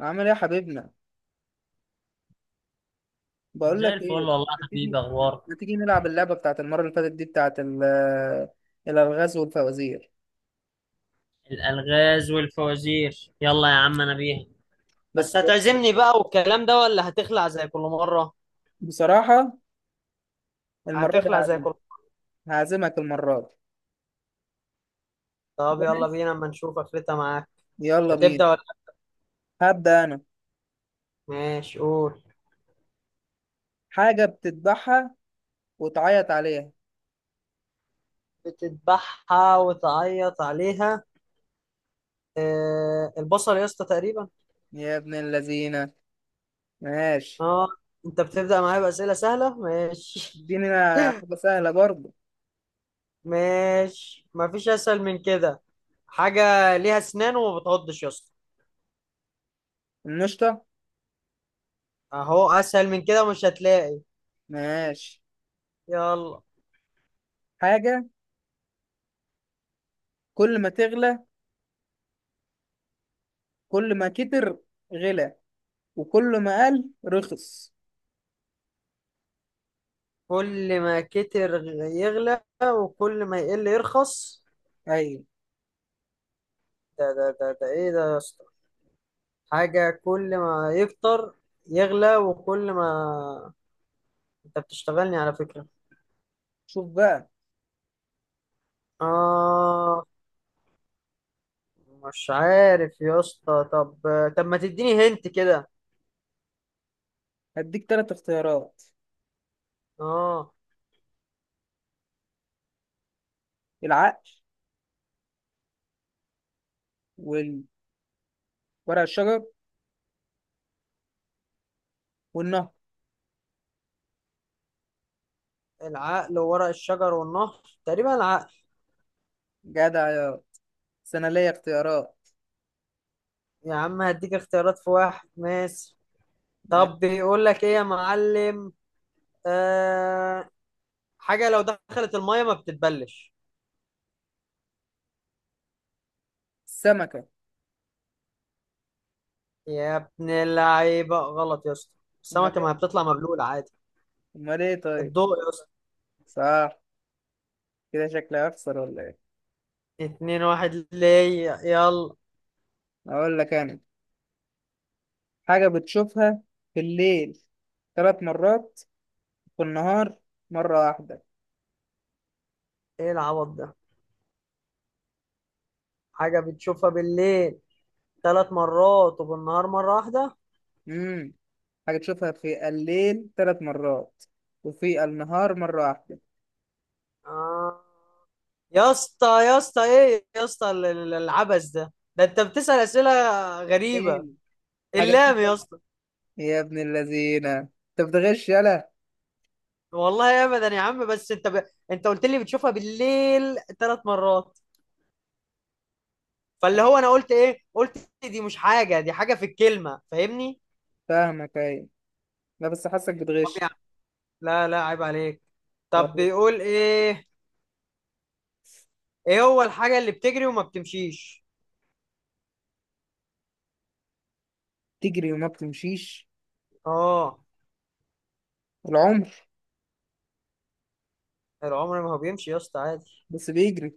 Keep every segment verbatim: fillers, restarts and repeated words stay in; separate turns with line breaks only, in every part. عامل ايه يا حبيبنا؟ بقول
زي
لك
الفل
ايه.
والله
ما
يا
تيجي
حبيبي، اخبارك؟
ما تيجي نلعب اللعبه بتاعت المره اللي فاتت دي بتاعت ال- الالغاز والفوازير.
الالغاز والفوازير، يلا يا عم انا بيها.
بس
بس هتعزمني بقى والكلام ده ولا هتخلع زي كل مرة؟
بصراحه المره دي
هتخلع زي
هعزمك،
كل مرة.
هعزمك المره دي.
طب يلا
جاهز،
بينا اما نشوف قفلتها معاك.
يلا بينا.
هتبدأ ولا
هبدا انا.
ماشي؟ قول.
حاجه بتذبحها وتعيط عليها.
بتذبحها وتعيط عليها، آه البصل يا اسطى تقريبا.
يا ابن اللذينه، ماشي.
اه. انت بتبدأ معايا بأسئلة سهلة ماشي،
اديني أنا حاجه سهله برضه.
ماشي مفيش أسهل من كده. حاجة ليها أسنان وما بتعضش يا اسطى،
النشطه.
أهو أسهل من كده مش هتلاقي.
ماشي.
يلا.
حاجه كل ما تغلى، كل ما كتر غلى، وكل ما قل رخص.
كل ما كتر يغلى وكل ما يقل يرخص؟
ايوه.
ده ده ده ده ايه ده يا اسطى؟ حاجة كل ما يكتر يغلى وكل ما، انت بتشتغلني على فكرة.
شوف بقى.
اه. مش عارف يا اسطى، طب طب ما تديني هنت كده.
هديك تلات اختيارات:
اه.
العقل، والورق الشجر، والنهر.
العقل وورق الشجر والنهر، تقريبا العقل.
جدع، يا بس انا ليا اختيارات.
يا عم هديك اختيارات في واحد ماشي.
يا
طب بيقول لك ايه يا معلم؟ آه. حاجة لو دخلت المية ما بتتبلش،
السمكة.
يا ابن اللعيبة غلط يا اسطى.
امال
السمكة ما
ايه
بتطلع مبلولة عادي.
امال ايه طيب؟
الضوء يا اسطى.
صح. كده شكلي هخسر ولا ايه؟
اتنين واحد ليا، يلا.
اقول لك انا. حاجة بتشوفها في الليل تلات مرات، في النهار مرة واحدة.
ايه العبط ده؟ حاجة بتشوفها بالليل ثلاث مرات وبالنهار مرة واحدة.
امم حاجة تشوفها في الليل تلات مرات وفي النهار مرة واحدة.
آه. يا اسطى يا اسطى ايه يا اسطى، ال- ال- العبث ده ده، انت بتسأل أسئلة
ايه؟
غريبة.
حاجة
اللام يا
بتشوفها.
اسطى.
يا ابن اللذينة انت بتغش، يلا.
والله ابدا يا عم، بس انت ب... انت قلت لي بتشوفها بالليل ثلاث مرات، فاللي هو انا قلت ايه، قلت دي مش حاجه، دي حاجه في الكلمه، فاهمني؟
فاهمك، ايوه. لا بس حاسك
طب
بتغش.
يعني لا لا، عيب عليك. طب بيقول ايه؟ ايه هو الحاجه اللي بتجري وما بتمشيش؟
تجري وما بتمشيش.
اه.
العمر.
العمر ما هو بيمشي يا اسطى عادي،
بس بيجري.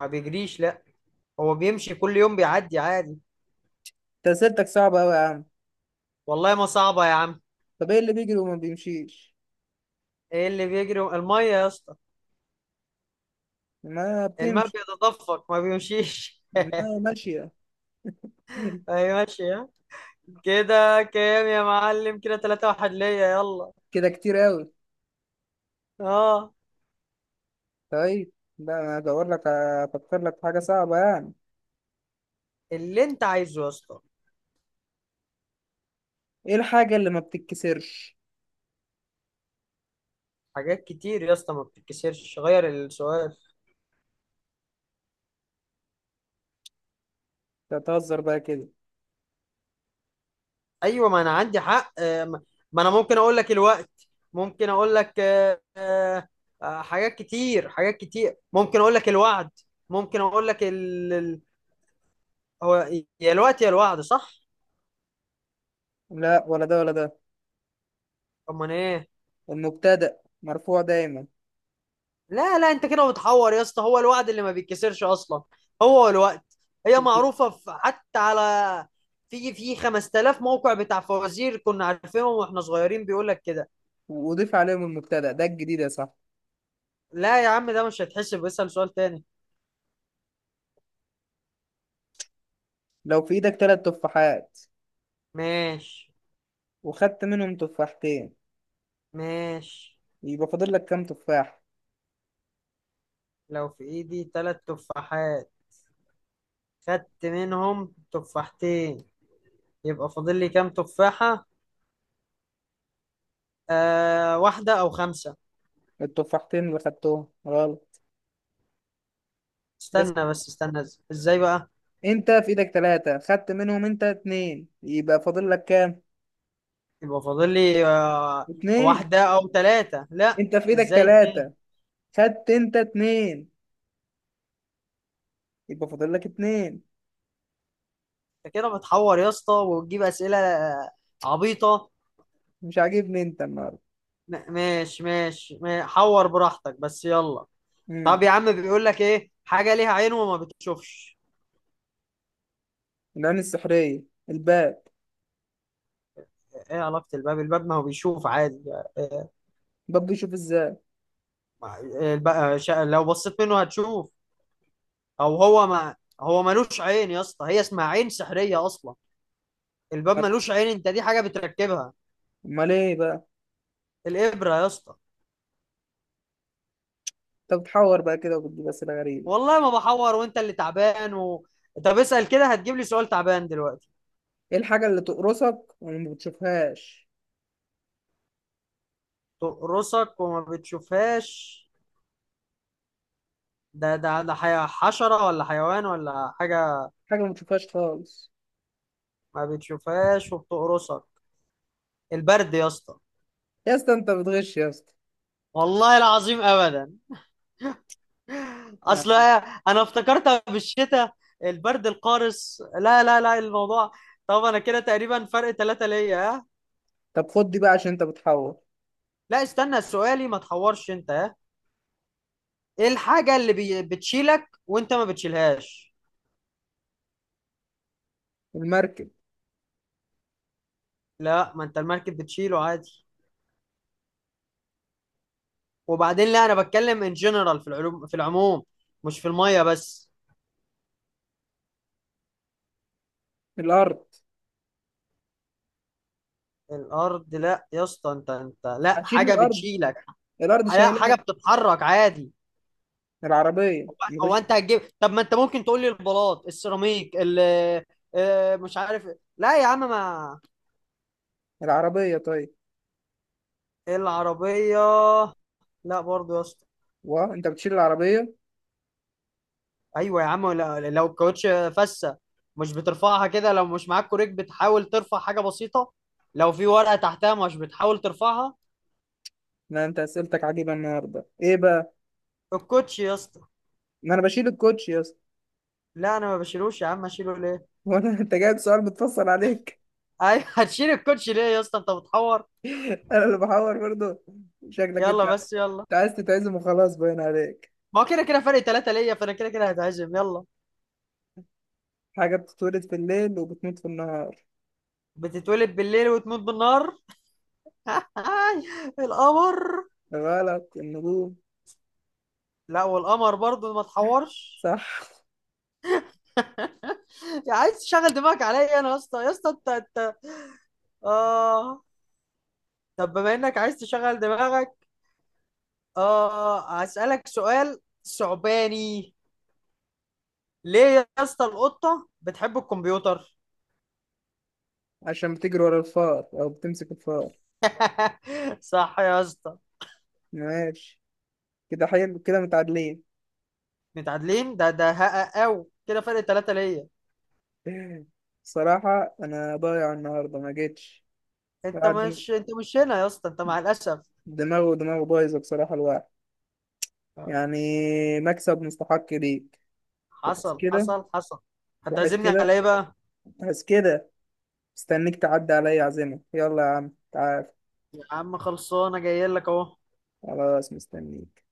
ما بيجريش لا. هو بيمشي كل يوم بيعدي عادي.
انت اسئلتك صعبة أوي يا عم.
والله ما صعبه يا عم.
طب ايه اللي بيجري وما بيمشيش؟
ايه اللي بيجري و- الميه يا اسطى،
ما
الماء
بتمشي.
بيتدفق ما بيمشيش
ما ماشية.
ايوه ماشي، ها؟ كده كام يا معلم؟ كده تلاتة واحد ليا، يلا.
كده كتير أوي.
اه.
طيب. لا انا ادور لك، افكر لك في حاجة صعبة يعني.
اللي انت عايزه يا اسطى.
ايه الحاجة اللي ما بتتكسرش؟
حاجات كتير يا اسطى ما بتتكسرش غير السؤال.
تتهزر بقى كده؟
ايوه ما انا عندي حق، آه، ما ما انا ممكن اقول لك الوقت، ممكن اقول لك آه، آه، آه، حاجات كتير حاجات كتير، ممكن اقول لك الوعد، ممكن اقول لك ال... ال- هو، يا الوقت يا الوعد صح.
لا، ولا ده ولا ده.
امال ايه؟
المبتدأ مرفوع دايما.
لا لا انت كده بتحور يا اسطى، هو الوعد اللي ما بيتكسرش اصلا، هو الوقت. هي معروفة في حتى على، في في خمس آلاف موقع بتاع فوازير كنا عارفينهم واحنا صغيرين بيقول لك كده.
وضيف عليهم المبتدأ ده الجديد يا صاحبي.
لا يا عم ده مش هيتحسب، اسأل سؤال تاني.
لو في ايدك تلات تفاحات
ماشي.
وخدت منهم تفاحتين،
ماشي.
يبقى فاضل لك كام تفاح؟
لو في ايدي تلات تفاحات خدت منهم تفاحتين، يبقى فاضل لي كام تفاحة؟ آه، واحدة او خمسة.
التفاحتين اللي خدتهم غلط. اسم.
استنى بس استنى، إز- ازاي بقى؟
انت في ايدك تلاتة، خدت منهم انت اتنين، يبقى فاضل لك كام؟
يبقى فاضل لي آه،
اتنين.
واحدة او تلاتة، لا
انت في ايدك
ازاي اتنين؟
تلاتة، خدت انت اتنين، يبقى فاضل لك اتنين.
انت كده بتحور يا اسطى وتجيب اسئلة عبيطة.
مش عاجبني انت النهارده.
م- ماشي ماشي، ما- حور براحتك بس يلا. طب
امم
يا عم بيقول لك ايه، حاجه ليها عين وما بتشوفش.
العين السحرية، الباب.
ايه علاقه الباب؟ الباب ما هو بيشوف عادي. إيه؟
الباب بيشوف ازاي؟
ما- الب- آه، شا- لو بصيت منه هتشوف، او هو ما هو ملوش عين يا اسطى، هي اسمها عين سحريه اصلا. الباب ملوش عين، انت دي حاجه بتركبها.
امال ايه بقى؟
الابره يا اسطى.
انت بتحور بقى كده وبتجيب اسئلة غريبة.
والله ما بحور وانت اللي تعبان و... طب اسال كده، هتجيب لي سؤال تعبان دلوقتي.
ايه الحاجة اللي تقرصك وما بتشوفهاش؟
تقرصك وما بتشوفهاش، ده ده ده حي- حشره ولا حيوان ولا حاجه.
حاجة ما بتشوفهاش خالص.
ما بتشوفهاش وبتقرصك، البرد يا اسطى.
يا اسطى انت بتغش يا اسطى.
والله العظيم ابدا، اصل
نعم.
انا افتكرتها بالشتاء، البرد القارس لا لا لا الموضوع. طب انا كده تقريبا فرق ثلاثة ليا، ها.
طب خد دي بقى عشان انت بتحور.
لا استنى سؤالي ما تحورش انت، ها. ايه الحاجة اللي بي... بتشيلك وانت ما بتشيلهاش؟
المركب.
لا ما انت المركب بتشيله عادي، وبعدين لا انا بتكلم ان جنرال في العلوم، في العموم مش في المية بس.
الارض.
الارض لا يا اسطى، انت انت لا
هتشيل
حاجة
الارض؟
بتشيلك،
الارض
لا
شايلها.
حاجة بتتحرك عادي.
العربيه
هو
مش.
انت هتجيب؟ طب ما انت ممكن تقول لي البلاط السيراميك، ال آه، مش عارف. لا يا عم ما
العربيه طيب.
العربية لا برضه يا اسطى.
وانت بتشيل العربيه.
ايوه يا عم، لا- لو الكاوتش فسة مش بترفعها كده، لو مش معاك كوريك بتحاول ترفع حاجة بسيطة، لو في ورقة تحتها مش بتحاول ترفعها.
لا، انت اسئلتك عجيبه النهارده، ايه بقى؟
الكوتش يا اسطى.
ما انا بشيل الكوتش يا اسطى.
لا انا ما بشيلوش يا عم، اشيله ليه؟
هو انا انت جايب سؤال متفصل عليك.
ايوه هتشيل الكوتش ليه يا اسطى؟ انت بتحور.
انا اللي بحور برضه؟ شكلك انت.
يلا بس يلا.
انت عايز تتعزم وخلاص باين عليك.
ما هو كده كده فرق ثلاثة ليا، فانا كده كده هتعزم يلا.
حاجه بتتولد في الليل وبتموت في النهار.
بتتولد بالليل وتموت بالنهار، القمر.
غلط، النجوم.
لا والقمر برضو، ما تحورش.
صح.
يا عايز تشغل دماغك عليا انا يا اسطى يا اسطى، انت انت اه، طب بما انك عايز تشغل دماغك اه، هسألك سؤال ثعباني. ليه يا اسطى القطة بتحب الكمبيوتر؟
عشان بتجري ورا الفار او بتمسك الفار.
صح يا اسطى.
ماشي. كده حلو، كده متعادلين.
متعادلين؟ ده ده هقى او كده فرق ثلاثة ليا.
بصراحة أنا ضايع النهاردة، ما جيتش.
انت
قاعد.
مش، انت مش هنا يا اسطى، انت مع الاسف
دماغه ودماغه بايظة بصراحة، الواحد
آه،
يعني. مكسب مستحق ليك. وحس
حصل
كده،
حصل حصل.
وحس
هتعزمني على
كده،
ايه بقى؟
وحس كده. مستنيك تعدي عليا عزيمة. يلا يا عم تعال.
يا عم خلصانه، جاي لك اهو.
خلاص مستنيك.